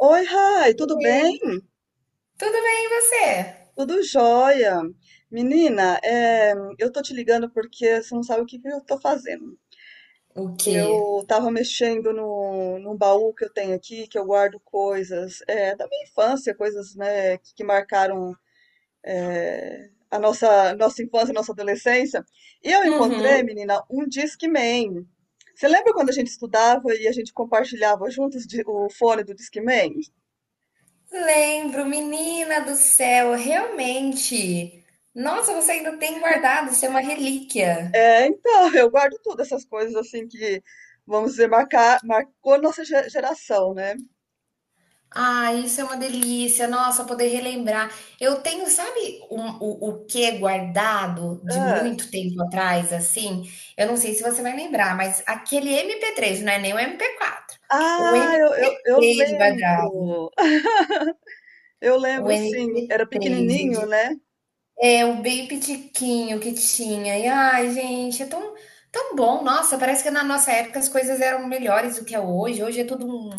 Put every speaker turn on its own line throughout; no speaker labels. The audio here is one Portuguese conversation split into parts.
Oi, Rai, tudo bem?
Oi. Tudo bem, e você?
Tudo jóia. Menina, eu tô te ligando porque você não sabe o que que eu tô fazendo.
O quê?
Eu tava mexendo no, num baú que eu tenho aqui, que eu guardo coisas é, da minha infância, coisas né, que marcaram a nossa infância, nossa adolescência. E eu encontrei,
Uhum.
menina, um Discman. Você lembra quando a gente estudava e a gente compartilhava juntos o fone do Discman?
Lembro, menina do céu, realmente. Nossa, você ainda tem guardado, isso é uma relíquia.
É, então, eu guardo tudo, essas coisas assim que, vamos dizer, marcou nossa geração, né?
Ah, isso é uma delícia. Nossa, poder relembrar. Eu tenho, sabe, o que é guardado de
Ah,
muito tempo atrás, assim? Eu não sei se você vai lembrar, mas aquele MP3, não é nem o MP4. O
ah, eu
MP3 guardado.
lembro. Eu
O
lembro, sim, era
MP3,
pequenininho,
gente.
né?
É, o bem pitiquinho que tinha. E ai, gente, é tão, tão bom. Nossa, parece que na nossa época as coisas eram melhores do que é hoje. Hoje é tudo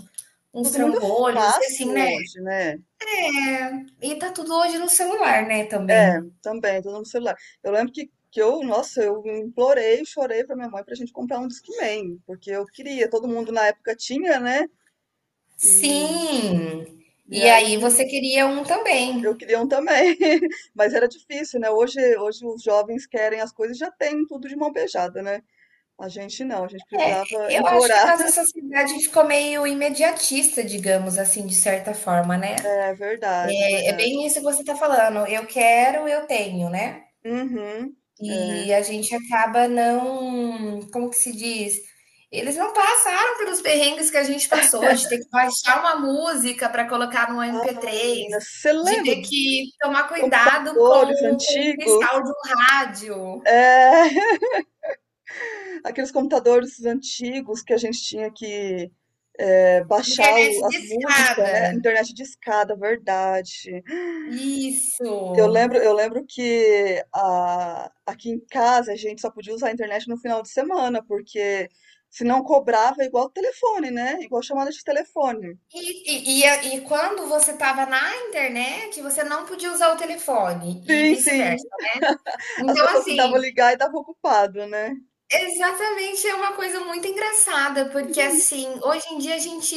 uns
Tudo muito
trambolhos e
fácil
assim, né?
hoje, né?
É, e tá tudo hoje no celular, né, também.
É, também, tudo no celular. Eu lembro que eu, nossa, eu implorei, chorei pra minha mãe pra gente comprar um Discman, porque eu queria, todo mundo na época tinha, né? E,
Sim.
e
E
aí
aí você queria um
eu
também.
queria um também, mas era difícil, né? Hoje os jovens querem as coisas e já têm tudo de mão beijada, né? A gente não, a gente
É,
precisava
eu acho que a
implorar.
nossa sociedade ficou meio imediatista, digamos assim, de certa forma, né?
É verdade, é
É
verdade.
bem isso que você tá falando. Eu quero, eu tenho, né?
Uhum, é.
E a gente acaba não, como que se diz? Eles não passaram pelos perrengues que a gente passou, de ter que baixar uma música para colocar no
Ah,
MP3,
menina, você
de
lembra
ter
dos
que tomar cuidado com,
computadores
com o cristal
antigos?
de um rádio,
É, aqueles computadores antigos que a gente tinha que é, baixar
internet de.
as músicas, né? Internet discada, verdade.
Isso.
Eu lembro que aqui em casa a gente só podia usar a internet no final de semana, porque se não cobrava é igual telefone, né? Igual chamada de telefone.
E, e, e, e quando você estava na internet, você não podia usar o telefone e
Sim, sim.
vice-versa.
As
Então,
pessoas tentavam
assim.
ligar e estavam ocupado, né?
Exatamente, é uma coisa muito engraçada, porque assim, hoje em dia a gente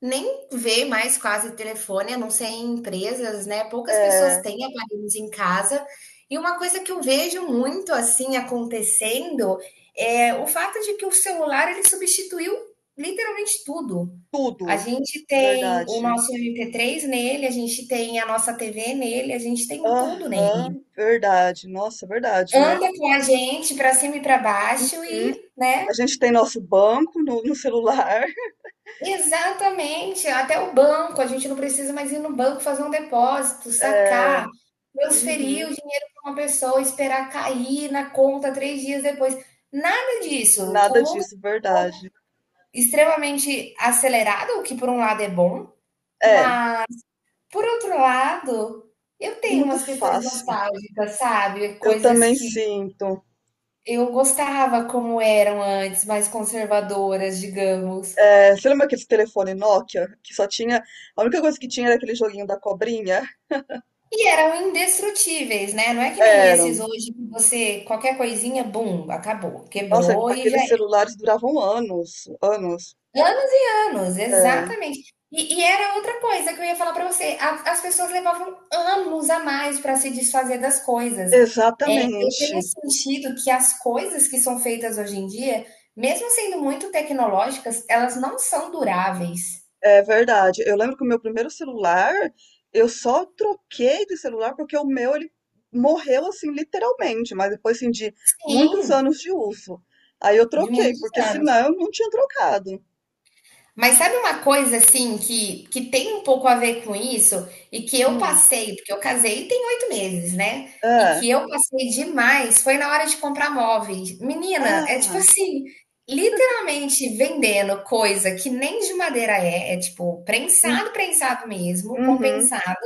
nem vê mais quase telefone, a não ser em empresas, né? Poucas pessoas
É,
têm aparelhos em casa. E uma coisa que eu vejo muito assim acontecendo é o fato de que o celular ele substituiu literalmente tudo. A
tudo,
gente tem o
verdade.
nosso MP3 nele, a gente tem a nossa TV nele, a gente tem tudo nele.
Aham, verdade. Nossa, verdade, né?
Anda com a gente para cima e para baixo
Uhum.
e, né?
A gente tem nosso banco no celular.
Exatamente, até o banco, a gente não precisa mais ir no banco fazer um depósito,
É,
sacar, transferir
uhum,
o dinheiro para uma pessoa, esperar cair na conta 3 dias depois. Nada disso.
nada
O mundo
disso, verdade.
extremamente acelerado, o que por um lado é bom,
É,
mas por outro lado, eu
tudo
tenho
muito
umas questões
fácil.
nostálgicas, sabe?
Eu
Coisas
também
que
sinto.
eu gostava como eram antes, mais conservadoras, digamos.
É, você lembra aquele telefone Nokia que só tinha. A única coisa que tinha era aquele joguinho da cobrinha?
E eram indestrutíveis, né? Não é que nem esses
Eram.
hoje que você, qualquer coisinha, bum, acabou,
Nossa,
quebrou e já
aqueles
era.
celulares duravam anos, anos.
Anos e anos,
É,
exatamente. E era outra coisa que eu ia falar para você: as pessoas levavam anos a mais para se desfazer das coisas. É, eu
exatamente.
tenho sentido que as coisas que são feitas hoje em dia, mesmo sendo muito tecnológicas, elas não são duráveis.
É verdade. Eu lembro que o meu primeiro celular, eu só troquei de celular porque o meu ele morreu assim, literalmente, mas depois assim, de muitos
Sim,
anos de uso. Aí eu
de
troquei,
muitos
porque
anos.
senão eu não tinha trocado.
Mas sabe uma coisa assim que tem um pouco a ver com isso e que eu
Hum,
passei, porque eu casei tem 8 meses, né? E
é.
que eu passei demais foi na hora de comprar móveis. Menina, é tipo
Ah.
assim, literalmente vendendo coisa que nem de madeira é tipo
Hum,
prensado, prensado mesmo,
uhum.
compensado,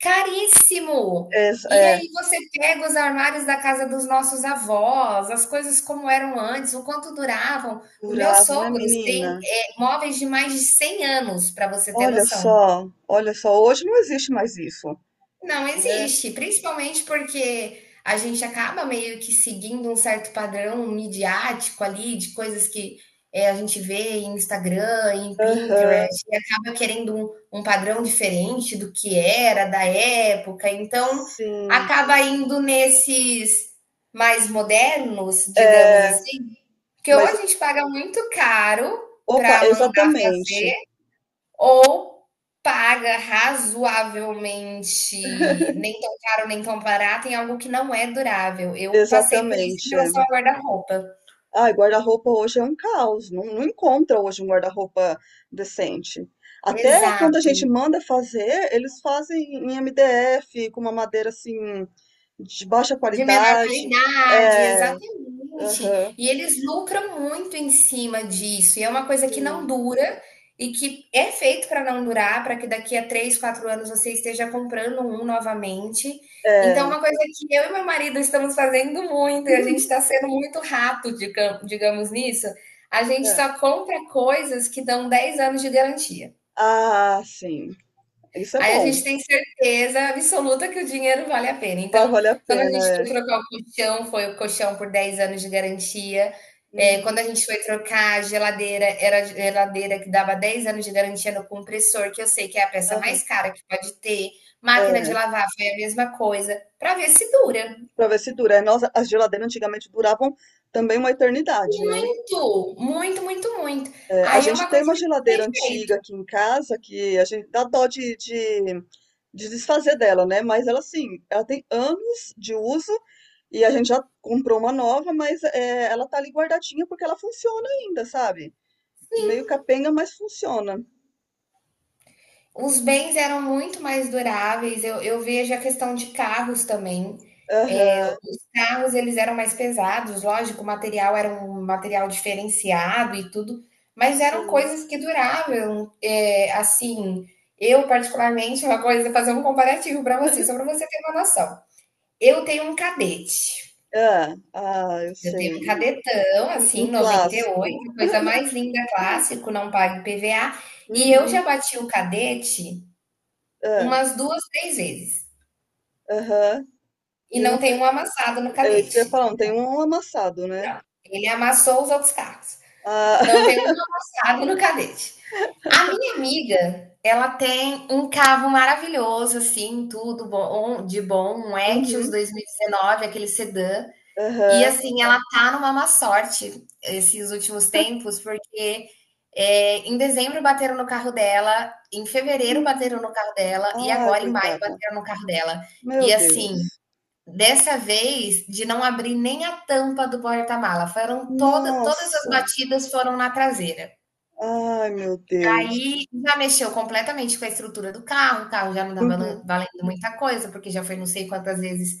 caríssimo. E
É,
aí você pega os armários da casa dos nossos avós, as coisas como eram antes, o quanto duravam. Os meus
curava, né,
sogros têm
menina?
móveis de mais de 100 anos, para você ter noção.
Olha só, hoje não existe mais isso,
Não
né?
existe, principalmente porque a gente acaba meio que seguindo um certo padrão midiático ali, de coisas que, a gente vê em Instagram, em
Aham,
Pinterest, e acaba querendo um padrão diferente do que era, da época, então
sim.
acaba indo nesses mais modernos, digamos
É,
assim, porque ou
mas,
a gente paga muito caro
opa,
para mandar
exatamente,
fazer. Ou paga razoavelmente, nem tão caro, nem tão barato, em algo que não é durável. Eu passei por isso em
exatamente. É.
relação a guarda-roupa.
Ai, guarda-roupa hoje é um caos, não encontra hoje um guarda-roupa decente. Até quando a
Exato.
gente manda fazer, eles fazem em MDF, com uma madeira assim, de baixa
De menor
qualidade.
qualidade,
É,
exatamente.
aham,
E eles lucram muito em cima disso, e é uma coisa que não
sim,
dura e que é feito para não durar, para que daqui a 3, 4 anos você esteja comprando um novamente. Então, é
é.
uma coisa que eu e meu marido estamos fazendo muito, e a gente está sendo muito rato, digamos nisso, a gente só compra coisas que dão 10 anos de garantia.
Ah, sim. Isso é
Aí a
bom.
gente tem certeza absoluta que o dinheiro vale a pena.
Vai
Então,
valer a
quando a
pena,
gente foi
é.
trocar o colchão, foi o colchão por 10 anos de garantia. Quando
Uhum,
a gente foi trocar a geladeira, era a geladeira que dava 10 anos de garantia no compressor, que eu sei que é a peça
aham,
mais cara que pode ter. Máquina de
é.
lavar foi a mesma coisa, para ver se dura.
Uhum. Pra ver se dura. É, nós, as geladeiras antigamente duravam também uma eternidade, né?
Muito, muito, muito, muito.
É, a
Aí é
gente
uma
tem
coisa
uma
que a
geladeira
gente tem
antiga
feito.
aqui em casa que a gente dá dó de desfazer dela, né? Mas ela, assim, ela tem anos de uso e a gente já comprou uma nova, mas é, ela tá ali guardadinha porque ela funciona ainda, sabe? Meio capenga, mas funciona.
Os bens eram muito mais duráveis. Eu vejo a questão de carros também. É,
Aham,
os carros eles eram mais pesados, lógico, o material era um material diferenciado e tudo, mas eram
sim.
coisas que duravam. É, assim, eu particularmente uma coisa, fazer um comparativo para você, só para você ter uma noção. Eu tenho um cadete.
Hã. Ah, eu
Eu tenho um
sei.
cadetão,
Um
assim,
um
noventa e
clássico.
oito, coisa mais linda, clássico, não paga IPVA. E eu já
Uhum.
bati o cadete
Ah,
umas 2, 3 vezes.
aham.
E
E
não
não fe
tem um amassado no
é isso que eu ia
cadete.
falar, não tem um amassado, né.
Ele amassou os outros carros.
Ah.
Não tem um amassado no cadete. A minha amiga, ela tem um carro maravilhoso, assim, tudo bom, de bom, um Etios
Uhum.
2019, aquele sedã. E
Aham.
assim, ela tá numa má sorte esses últimos tempos, porque em dezembro bateram no carro dela, em fevereiro bateram no
Hum.
carro dela, e
Ai,
agora em maio
coitada.
bateram no carro dela.
Meu
E assim,
Deus.
dessa vez, de não abrir nem a tampa do porta-mala, foram toda todas as
Nossa.
batidas foram na traseira.
Ai, meu Deus.
Aí já mexeu completamente com a estrutura do carro, o carro já não estava valen
Uhum.
valendo muita coisa, porque já foi não sei quantas vezes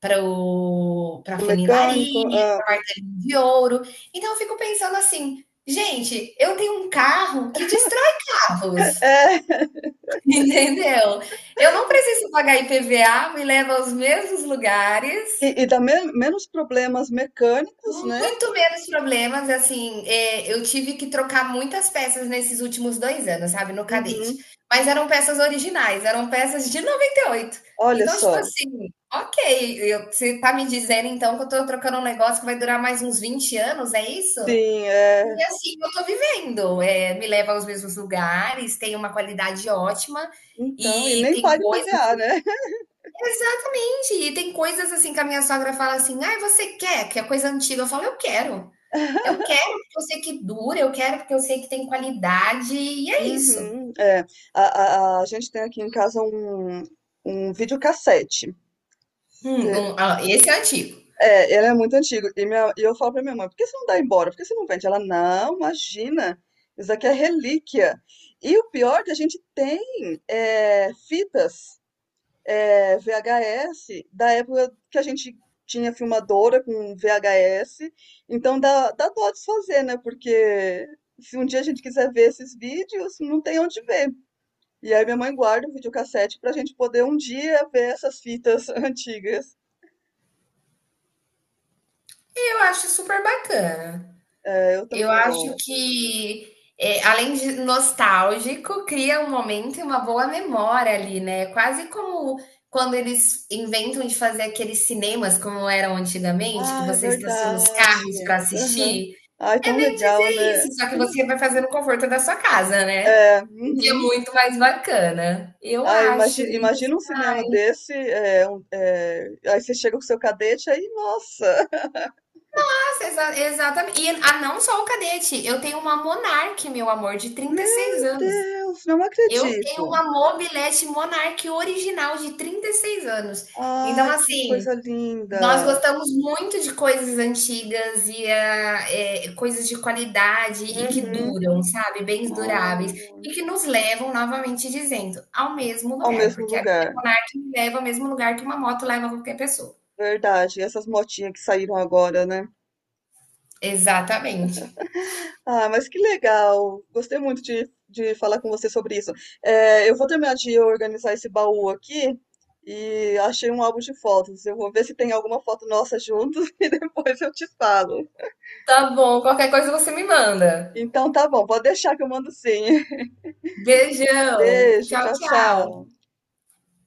para
O
funilaria,
mecânico ah,
de ouro. Então eu fico pensando assim, gente, eu tenho um carro que destrói carros,
é.
entendeu? Eu não preciso pagar IPVA, me leva aos mesmos lugares.
E dá menos problemas mecânicos, né.
Muito menos problemas, assim, eu tive que trocar muitas peças nesses últimos 2 anos, sabe, no cadete.
Uhum.
Mas eram peças originais, eram peças de 98.
Olha
Então, tipo
só.
assim, ok, você tá me dizendo então que eu tô trocando um negócio que vai durar mais uns 20 anos, é isso?
Sim, é.
E assim, eu tô vivendo, me leva aos mesmos lugares, tem uma qualidade ótima
Então, e
e
nem
tem
paga
coisas.
IPVA, né.
Exatamente, e tem coisas assim que a minha sogra fala assim: ai, você quer? Que é coisa antiga. Eu falo, eu quero. Eu quero porque eu sei que dura, eu quero porque eu sei que tem qualidade, e é isso.
Uhum, é. A gente tem aqui em casa um videocassete.
Hum,
É,
um, ah, esse é antigo.
é, ele é muito antigo. E, minha, e eu falo pra minha mãe, por que você não dá embora? Por que você não vende? Ela, não, imagina, isso aqui é relíquia. E o pior é que a gente tem é, fitas é, VHS da época que a gente tinha filmadora com VHS. Então dá dó desfazer, né? Porque se um dia a gente quiser ver esses vídeos, não tem onde ver. E aí minha mãe guarda o videocassete pra gente poder um dia ver essas fitas antigas.
E eu acho super bacana.
É, eu
Eu
também
acho
gosto.
que, além de nostálgico, cria um momento e uma boa memória ali, né? Quase como quando eles inventam de fazer aqueles cinemas como eram antigamente, que
Ah, é
você estaciona os carros
verdade.
para
Aham.
assistir.
Ai,
É
tão
bem dizer
legal, né?
isso, só que você vai fazer no conforto da sua casa, né?
É,
O que é
uhum.
muito mais bacana, eu
Ai,
acho.
imagina, imagina um cinema desse, é, aí você chega com seu cadete, aí, nossa,
Exatamente. E ah, não só o cadete, eu tenho uma Monark, meu amor, de trinta e seis
meu
anos.
Deus, não
Eu tenho
acredito.
uma mobilete Monark original de 36 anos. Então,
Ai, que
assim,
coisa
nós
linda.
gostamos muito de coisas antigas e ah, coisas de qualidade e que
Uhum.
duram, sabe? Bens duráveis
Ah,
e que nos levam, novamente dizendo, ao mesmo
ao
lugar,
mesmo
porque a
lugar,
bike me leva ao mesmo lugar que uma moto leva qualquer pessoa.
verdade. E essas motinhas que saíram agora, né?
Exatamente.
Ah, mas que legal! Gostei muito de falar com você sobre isso. É, eu vou terminar de organizar esse baú aqui e achei um álbum de fotos. Eu vou ver se tem alguma foto nossa juntos e depois eu te falo.
Tá bom, qualquer coisa você me manda.
Então tá bom, pode deixar que eu mando sim.
Beijão.
Beijo,
Tchau,
tchau,
tchau.
tchau.